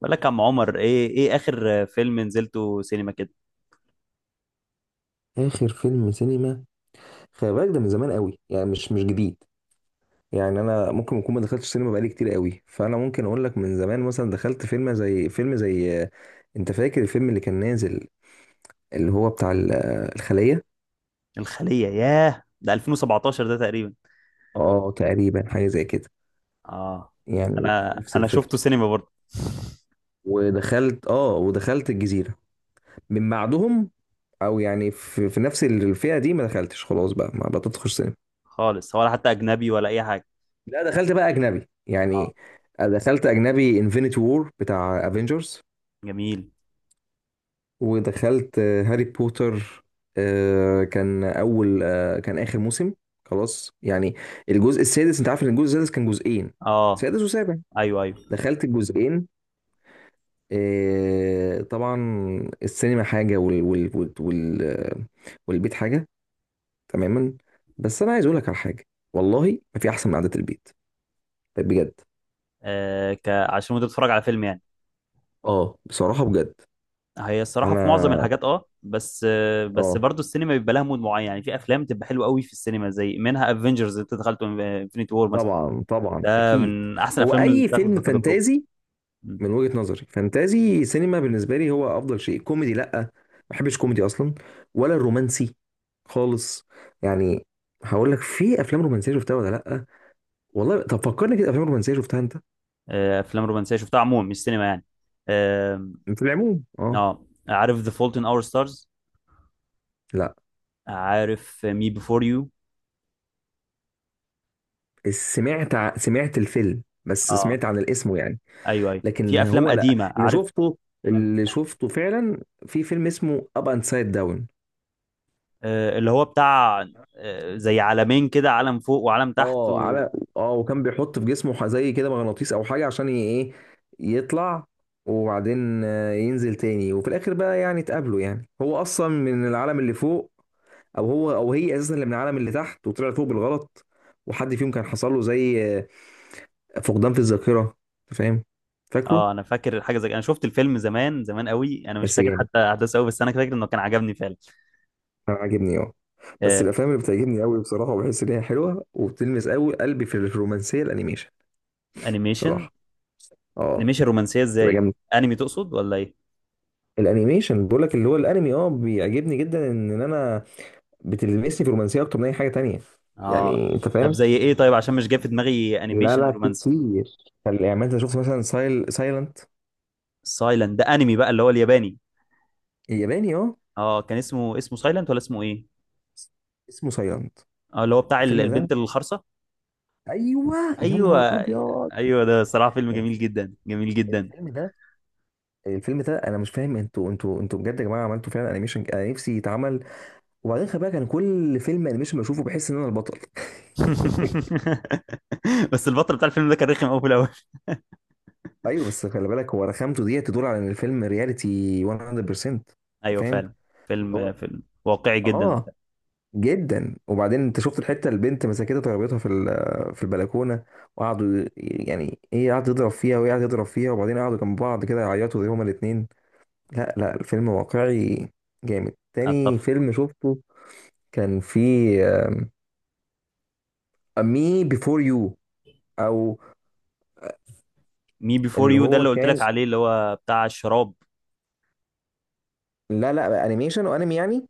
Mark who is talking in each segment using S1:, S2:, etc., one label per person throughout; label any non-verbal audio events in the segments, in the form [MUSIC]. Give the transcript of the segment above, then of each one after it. S1: بقول لك يا عم عمر، ايه اخر فيلم نزلته سينما كده؟
S2: اخر فيلم سينما. خلي بالك ده من زمان قوي، يعني مش جديد. يعني انا ممكن اكون ما دخلتش سينما بقالي كتير قوي، فانا ممكن اقول لك من زمان، مثلا دخلت فيلم زي انت فاكر الفيلم اللي كان نازل، اللي هو بتاع الخلية.
S1: الخلية، ياه ده 2017 ده تقريبا.
S2: اه تقريبا حاجة زي كده،
S1: اه.
S2: يعني
S1: انا
S2: نفس
S1: انا شفته
S2: الفكرة.
S1: سينما برضه.
S2: ودخلت، اه ودخلت الجزيرة من بعدهم. او يعني في نفس الفئة دي، ما دخلتش. خلاص بقى ما بتدخل سينما.
S1: خالص، ولا حتى اجنبي ولا اي حاجة؟
S2: لا دخلت بقى اجنبي
S1: اه.
S2: يعني. دخلت اجنبي انفينيتي وور بتاع افنجرز.
S1: جميل.
S2: ودخلت هاري بوتر. كان اول، كان اخر موسم، خلاص يعني. الجزء السادس، انت عارف ان الجزء السادس كان جزئين،
S1: اه.
S2: سادس وسابع.
S1: ايوه، ايوه.
S2: دخلت الجزئين. طبعا. السينما حاجه والبيت حاجه. تماما. بس انا عايز اقول لك على حاجه، والله ما في احسن من قعده البيت، بجد.
S1: عشان وانت بتتفرج على فيلم يعني.
S2: اه بصراحه بجد.
S1: هي الصراحة في معظم
S2: انا،
S1: الحاجات، اه، بس
S2: اه
S1: برضه السينما بيبقى لها مود معين. يعني في افلام تبقى حلوة قوي في السينما، زي منها افنجرز اللي انت دخلته، انفينيتي وور مثلا.
S2: طبعا طبعا اكيد.
S1: من احسن
S2: هو
S1: الافلام اللي
S2: اي
S1: اتاخدت
S2: فيلم
S1: كتجربة.
S2: فانتازي،
S1: مم.
S2: من وجهة نظري فانتازي سينما بالنسبه لي هو افضل شيء. كوميدي لا، ما بحبش كوميدي اصلا، ولا الرومانسي خالص. يعني هقول لك، في افلام رومانسيه شفتها ولا لا؟ والله طب فكرني كده، افلام رومانسيه شفتها انت؟
S1: افلام رومانسيه شفتها عموما، مش سينما يعني. آم،
S2: في العموم اه.
S1: اه، عارف ذا فولت ان اور ستارز؟
S2: لا
S1: عارف مي بيفور يو؟
S2: سمعت الفيلم، بس
S1: اه.
S2: سمعت عن الاسم يعني.
S1: ايوه، ايوه،
S2: لكن
S1: في افلام
S2: هو، لا
S1: قديمه،
S2: اللي
S1: عارف.
S2: شفته،
S1: مم.
S2: اللي شفته فعلا، في فيلم اسمه اب اند سايد داون.
S1: اللي هو بتاع، زي عالمين كده، عالم فوق وعالم تحت
S2: اه
S1: و...
S2: على، اه وكان بيحط في جسمه زي كده مغناطيس او حاجه، عشان ايه، يطلع، وبعدين ينزل تاني. وفي الاخر بقى يعني اتقابلوا. يعني هو اصلا من العالم اللي فوق، او هو او هي اساسا اللي من العالم اللي تحت، وطلع فوق بالغلط. وحد فيهم كان حصل له زي فقدان في الذاكره. أنت فاهم؟ فاكره؟
S1: اه، انا فاكر حاجه، زي، انا شفت الفيلم زمان زمان قوي، انا مش
S2: بس
S1: فاكر
S2: جامد،
S1: حتى احداثه قوي، بس انا فاكر انه كان عجبني فعلا.
S2: انا عاجبني اه. بس
S1: آه،
S2: الافلام اللي بتعجبني قوي بصراحه، وبحس ان هي حلوه وبتلمس قوي قلبي في الرومانسيه، الانيميشن
S1: الانيميشن.
S2: بصراحه، اه.
S1: انيميشن رومانسيه
S2: تبقى
S1: ازاي؟
S2: جامده.
S1: انمي تقصد ولا ايه؟
S2: الانيميشن بقول لك، اللي هو الانمي اه، بيعجبني جدا. إن انا بتلمسني في الرومانسيه اكتر من اي حاجه تانية.
S1: اه.
S2: يعني انت
S1: طب
S2: فاهم.
S1: زي ايه؟ طيب، عشان مش جاي في دماغي
S2: لا
S1: انيميشن
S2: لا، في
S1: رومانسي.
S2: كتير. طب يعني ما انت شفت، مثلا سايلنت.
S1: سايلنت ده انمي بقى، اللي هو الياباني.
S2: الياباني اه.
S1: اه، كان اسمه سايلنت ولا اسمه ايه؟
S2: اسمه سايلنت.
S1: اه، اللي هو بتاع
S2: الفيلم ده،
S1: البنت الخرصه.
S2: ايوه. يا نهار
S1: ايوه.
S2: ابيض،
S1: ايوه، ده صراحه فيلم جميل جدا، جميل جدا.
S2: الفيلم ده، الفيلم ده. انا مش فاهم، انتوا بجد يا جماعه عملتوا فعلا انيميشن انا نفسي يتعمل. وبعدين خلي بالك، انا كل فيلم انيميشن بشوفه بحس ان انا البطل.
S1: [LAUGHS] بس البطل بتاع الفيلم ده كان رخم قوي في الاول.
S2: ايوه، بس خلي بالك، هو رخامته دي تدل على ان الفيلم رياليتي 100%. انت
S1: ايوه
S2: فاهم؟
S1: فعلا.
S2: اللي
S1: فيلم
S2: هو
S1: فيلم واقعي جدا.
S2: اه، جدا. وبعدين انت شفت الحته، البنت مسكتها ضربتها في البلكونه، وقعدوا ي- يعني ايه، قعد يضرب فيها وهي قعدت تضرب فيها. وبعدين قعدوا جنب بعض كده يعيطوا، زي هما الاثنين. لا لا، الفيلم واقعي، جامد. تاني
S1: اتفق.
S2: فيلم شفته كان، في مي بيفور يو، او،
S1: مي بيفور
S2: اللي
S1: يو ده
S2: هو
S1: اللي قلت
S2: كان،
S1: لك عليه، اللي هو بتاع الشراب.
S2: لا لا انيميشن وانمي يعني.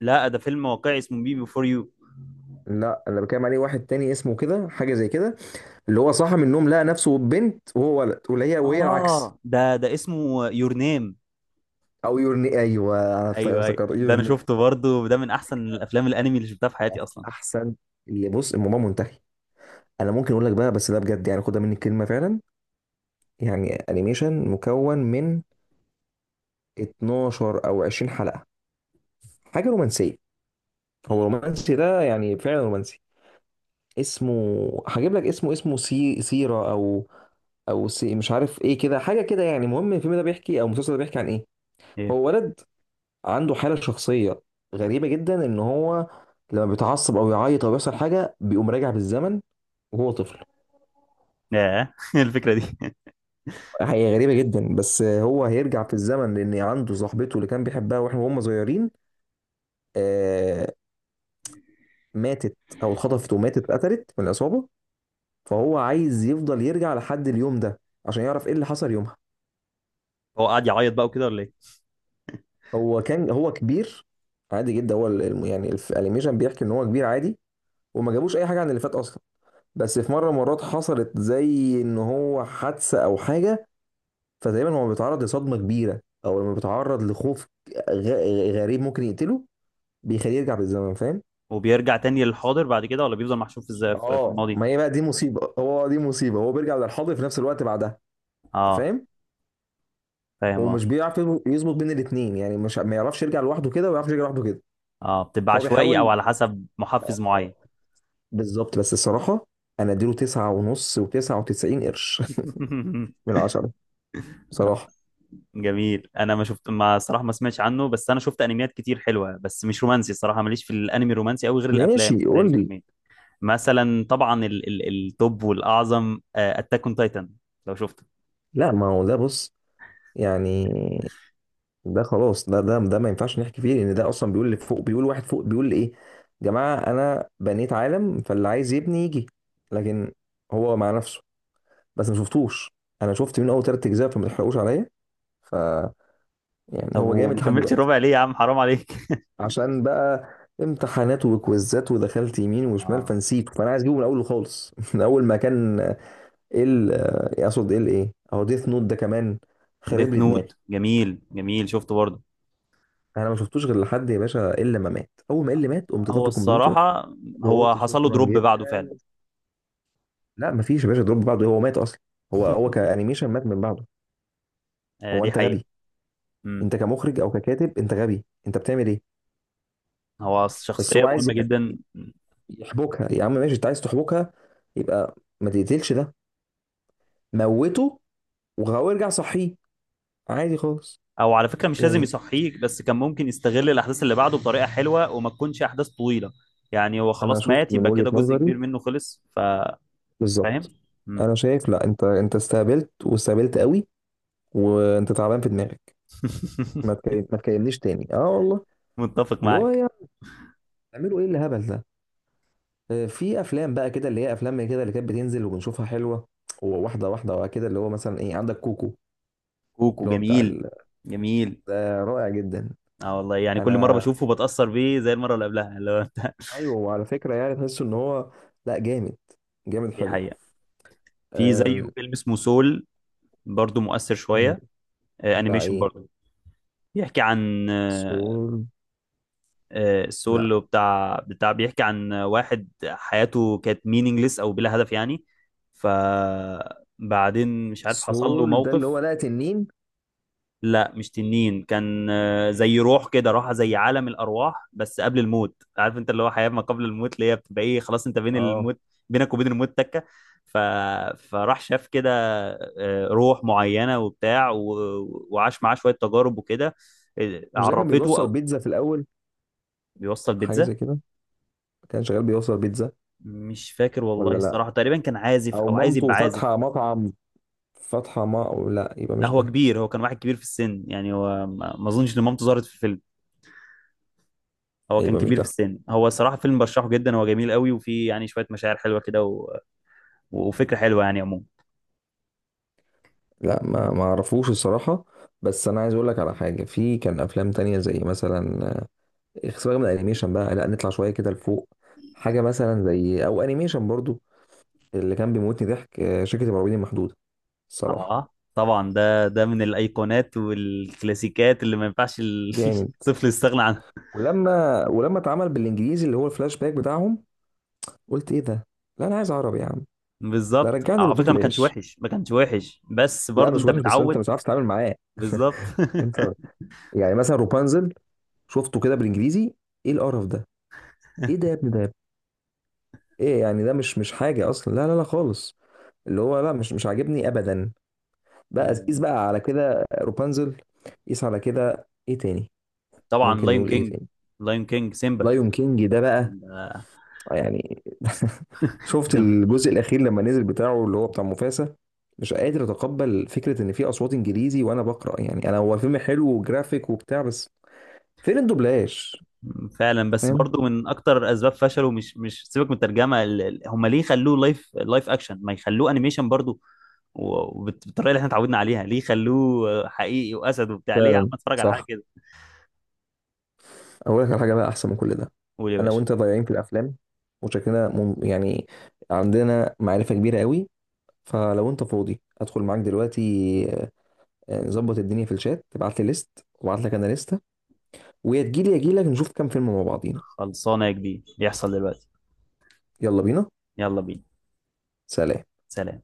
S1: لا، ده فيلم واقعي اسمه مي بيفور يو.
S2: لا اللي بتكلم عليه واحد تاني، اسمه كده حاجه زي كده، اللي هو صاحي من النوم لقى نفسه بنت وهو ولد، وهي العكس.
S1: اه، ده اسمه يور نيم.
S2: او يورني، ايوه، انا
S1: ايوه، ايوه،
S2: افتكرت
S1: ده انا
S2: يورني.
S1: شفته برضه، وده من احسن الافلام الانمي اللي شفتها في حياتي اصلا.
S2: احسن. اللي بص، الموضوع منتهي. انا ممكن اقول لك بقى، بس ده بجد يعني، خدها مني الكلمه فعلا. يعني انيميشن مكون من 12 او 20 حلقه، حاجه رومانسيه، هو رومانسي ده، يعني فعلا رومانسي. اسمه، هجيب لك اسمه، اسمه سيرة، او، او سي مش عارف ايه كده، حاجه كده. يعني المهم الفيلم ده بيحكي، او المسلسل ده بيحكي عن ايه.
S1: ايه.
S2: هو ولد عنده حالة شخصية غريبة جدا، ان هو لما بيتعصب او يعيط او يحصل حاجة بيقوم راجع بالزمن وهو طفل.
S1: ياه، [LAUGHS] الفكره دي.
S2: هي غريبة جدا، بس هو هيرجع في الزمن لان عنده صاحبته اللي كان بيحبها واحنا وهم صغيرين، آه، ماتت، او اتخطفت وماتت، اتقتلت من العصابة. فهو عايز يفضل يرجع لحد اليوم ده، عشان يعرف ايه اللي حصل يومها.
S1: هو قاعد يعيط بقى وكده ولا ايه؟
S2: هو كان، هو كبير عادي جدا، هو يعني الانيميشن بيحكي ان هو كبير عادي، وما جابوش اي حاجة عن اللي فات اصلا. بس في مرات حصلت زي ان هو حادثه او حاجه، فتقريبا هو بيتعرض لصدمه كبيره، او لما بيتعرض لخوف غريب، ممكن يقتله، بيخليه يرجع بالزمن. فاهم؟
S1: وبيرجع تاني للحاضر بعد كده، ولا بيفضل محشور في الز- في في
S2: اه
S1: الماضي؟
S2: ما هي بقى دي مصيبه، هو دي مصيبه، هو بيرجع للحاضر في نفس الوقت بعدها. انت
S1: اه.
S2: فاهم.
S1: فاهم، اه.
S2: ومش بيعرف يظبط بين الاثنين. يعني مش، ما يعرفش يرجع لوحده كده، وما يعرفش يرجع لوحده كده.
S1: اه، بتبقى
S2: فهو
S1: عشوائي او
S2: بيحاول،
S1: على حسب محفز
S2: اه،
S1: معين.
S2: بالظبط. بس الصراحه، انا اديله تسعة ونص وتسعة وتسعين قرش
S1: [LAUGHS]
S2: [LAUGHS] من عشرة، بصراحه.
S1: جميل. انا ما، صراحه، ما سمعتش عنه، بس انا شفت انميات كتير حلوه، بس مش رومانسي. الصراحه ماليش في الانمي الرومانسي قوي، غير الافلام
S2: ماشي
S1: زي
S2: قول لي.
S1: الفيلمين. مثلا، طبعا ال التوب والاعظم، اتاك اون تايتن، لو شفته.
S2: لا ما هو ده بص، يعني ده خلاص ده ده ده ما ينفعش نحكي فيه، لان ده اصلا بيقول اللي فوق، بيقول واحد فوق بيقول ايه، يا جماعه انا بنيت عالم، فاللي عايز يبني يجي. لكن هو مع نفسه. بس ما شفتوش، انا شفت من اول ثلاث اجزاء، فما تحرقوش عليا. ف، يعني
S1: طب
S2: هو جامد
S1: وما
S2: لحد
S1: كملتش
S2: دلوقتي.
S1: الربع ليه يا عم، حرام عليك. [LAUGHS]
S2: عشان بقى امتحانات وكويزات ودخلت يمين وشمال
S1: اه.
S2: فنسيته، فانا عايز اجيبه من الاول خالص [LAUGHS] من اول ما كان ال، اقصد ال ايه، اهو ديث نوت ده كمان خرب
S1: ديث
S2: لي دماغي.
S1: نوت، جميل، جميل، شفته برضه.
S2: انا ما شفتوش غير لحد يا باشا، الا ما مات، اول ما اللي مات قمت
S1: هو
S2: طافي الكمبيوتر
S1: الصراحه هو
S2: وقلت
S1: حصل له
S2: شكرا
S1: دروب
S2: جدا.
S1: بعده فعلا.
S2: لا ما فيش يا باشا دروب بعده، هو مات اصلا. هو كانيميشن مات من بعده.
S1: آه،
S2: هو
S1: دي
S2: انت
S1: حقيقه.
S2: غبي؟
S1: امم
S2: انت كمخرج او ككاتب انت غبي، انت بتعمل ايه؟
S1: هو
S2: بس
S1: شخصيه
S2: هو عايز
S1: مهمه جدا.
S2: يحبكها. يا عم ماشي انت عايز تحبكها، يبقى ما تقتلش ده، موته وهو ارجع صحيه عادي خالص
S1: او على فكره مش لازم
S2: يعني.
S1: يصحيك، بس كان ممكن يستغل الاحداث اللي بعده بطريقه حلوه، وما تكونش احداث طويله. يعني هو
S2: انا
S1: خلاص
S2: شفت
S1: مات،
S2: من
S1: يبقى
S2: وجهة
S1: كده جزء
S2: نظري،
S1: كبير منه خلص. فاهم.
S2: بالظبط.
S1: مم.
S2: انا شايف لا، انت انت استهبلت واستهبلت قوي، وانت تعبان في دماغك.
S1: [LAUGHS]
S2: ما تكلمنيش تاني، اه والله.
S1: متفق
S2: اللي هو
S1: معاك.
S2: يا، بتعملوا ايه الهبل ده؟ في افلام بقى كده، اللي هي افلام كده اللي كانت بتنزل وبنشوفها حلوه، وواحده واحده كده، اللي هو مثلا ايه، عندك كوكو،
S1: كوكو،
S2: اللي هو بتاع
S1: جميل،
S2: ال...
S1: جميل.
S2: ده رائع جدا.
S1: اه والله، يعني كل مره
S2: انا،
S1: بشوفه بتاثر بيه زي المره اللي قبلها، اللي هو انت.
S2: ايوه، وعلى فكره يعني تحس ان هو، لا جامد،
S1: [LAUGHS]
S2: جامد
S1: دي
S2: حلو.
S1: حقيقه. في
S2: أم...
S1: زيه فيلم اسمه سول، برضه مؤثر شويه.
S2: بتاع
S1: انيميشن
S2: ايه؟
S1: برضه. بيحكي عن،
S2: سول؟ لا
S1: السول، بتاع بتاع بيحكي عن واحد حياته كانت مينينجلس او بلا هدف يعني. فبعدين مش عارف، حصل له
S2: سول ده اللي هو،
S1: موقف.
S2: لا تنين.
S1: لا، مش تنين. كان، زي روح كده، راح زي عالم الارواح، بس قبل الموت. عارف انت اللي هو حياة ما قبل الموت، اللي هي بتبقى ايه، خلاص انت بين
S2: اه
S1: الموت، بينك وبين الموت تكة. ف... فراح شاف كده، روح معينة وبتاع و... وعاش معاه شوية تجارب وكده،
S2: مش ده كان
S1: عرفته
S2: بيوصل
S1: او...
S2: بيتزا في الاول؟
S1: بيوصل
S2: حاجه
S1: بيتزا.
S2: زي كده، كان شغال بيوصل بيتزا.
S1: مش فاكر والله
S2: ولا لا،
S1: الصراحة، تقريبا كان عازف
S2: او
S1: أو عايز
S2: مامته
S1: يبقى عازف.
S2: فاتحه مطعم، فاتحه ما، أو لا يبقى
S1: لا،
S2: مش
S1: هو
S2: ده.
S1: كبير، هو كان واحد كبير في السن. يعني هو ما أظنش إن مامته ظهرت في الفيلم. هو كان
S2: يبقى مش
S1: كبير في
S2: ده.
S1: السن، هو صراحة فيلم برشحه جدا، هو جميل قوي، وفيه يعني شوية مشاعر حلوة كده و... وفكرة حلوة يعني عموما.
S2: لا ما ما اعرفوش الصراحه. بس انا عايز اقول لك على حاجه، في كان افلام تانية، زي مثلا سيبك من الانيميشن بقى، لا نطلع شويه كده لفوق. حاجه مثلا زي، او انيميشن برضو، اللي كان بيموتني ضحك، شركه المرعبين المحدوده، الصراحه.
S1: آه، طبعا ده من الأيقونات والكلاسيكات اللي ما ينفعش [LAUGHS]
S2: جامد.
S1: الطفل يستغنى عنها.
S2: ولما اتعمل بالانجليزي، اللي هو الفلاش باك بتاعهم، قلت ايه ده، لا انا عايز عربي يا عم، لا
S1: بالظبط.
S2: رجعني
S1: على فكرة ما كانش
S2: لدوبلاش.
S1: وحش، ما كانش وحش، بس
S2: لا
S1: برضو
S2: مش
S1: أنت
S2: وحش، بس انت
S1: متعود.
S2: مش عارف تتعامل معاه [LAUGHS]
S1: بالظبط.
S2: انت، يعني مثلا روبانزل، شفته كده بالانجليزي، ايه القرف ده؟ ايه ده يا
S1: [LAUGHS]
S2: ابني، ده يا ابني؟ ايه يعني، ده مش حاجه اصلا، لا لا لا خالص، اللي هو لا، مش عاجبني ابدا. بقى قيس بقى على كده روبانزل، قيس على كده ايه تاني،
S1: طبعا،
S2: ممكن
S1: لاين
S2: نقول ايه
S1: كينج.
S2: تاني.
S1: لاين كينج.
S2: لايون كينج ده بقى،
S1: سيمبا.
S2: يعني [LAUGHS] شفت
S1: جدا.
S2: الجزء الاخير لما نزل، بتاعه اللي هو بتاع مفاسا؟ مش قادر اتقبل فكره ان في اصوات انجليزي وانا بقرا. يعني انا، هو الفيلم حلو وجرافيك وبتاع، بس فين الدوبلاج؟
S1: فعلا، بس
S2: فاهم.
S1: برضو من اكتر اسباب فشله مش سيبك من الترجمه، هم ليه خلوه لايف اكشن؟ ما يخلوه انيميشن برضو، وبالطريقه اللي احنا اتعودنا عليها؟ ليه خلوه حقيقي، واسد وبتاع، ليه يا عم
S2: فعلا
S1: اتفرج على حاجه
S2: صح.
S1: كده.
S2: اقول لك على حاجه بقى احسن من كل ده.
S1: قول يا
S2: انا
S1: باشا.
S2: وانت ضايعين في الافلام، وشكلنا يعني عندنا معرفه كبيره قوي. فلو انت فاضي ادخل معاك دلوقتي، نظبط الدنيا في الشات، تبعت لي ليست وابعت لك انا لسته، ويا تجيلي يا اجيلك نشوف كام فيلم مع بعضينا.
S1: خلصانه يا كبير، يحصل دلوقتي.
S2: يلا بينا.
S1: يلا بينا.
S2: سلام.
S1: سلام.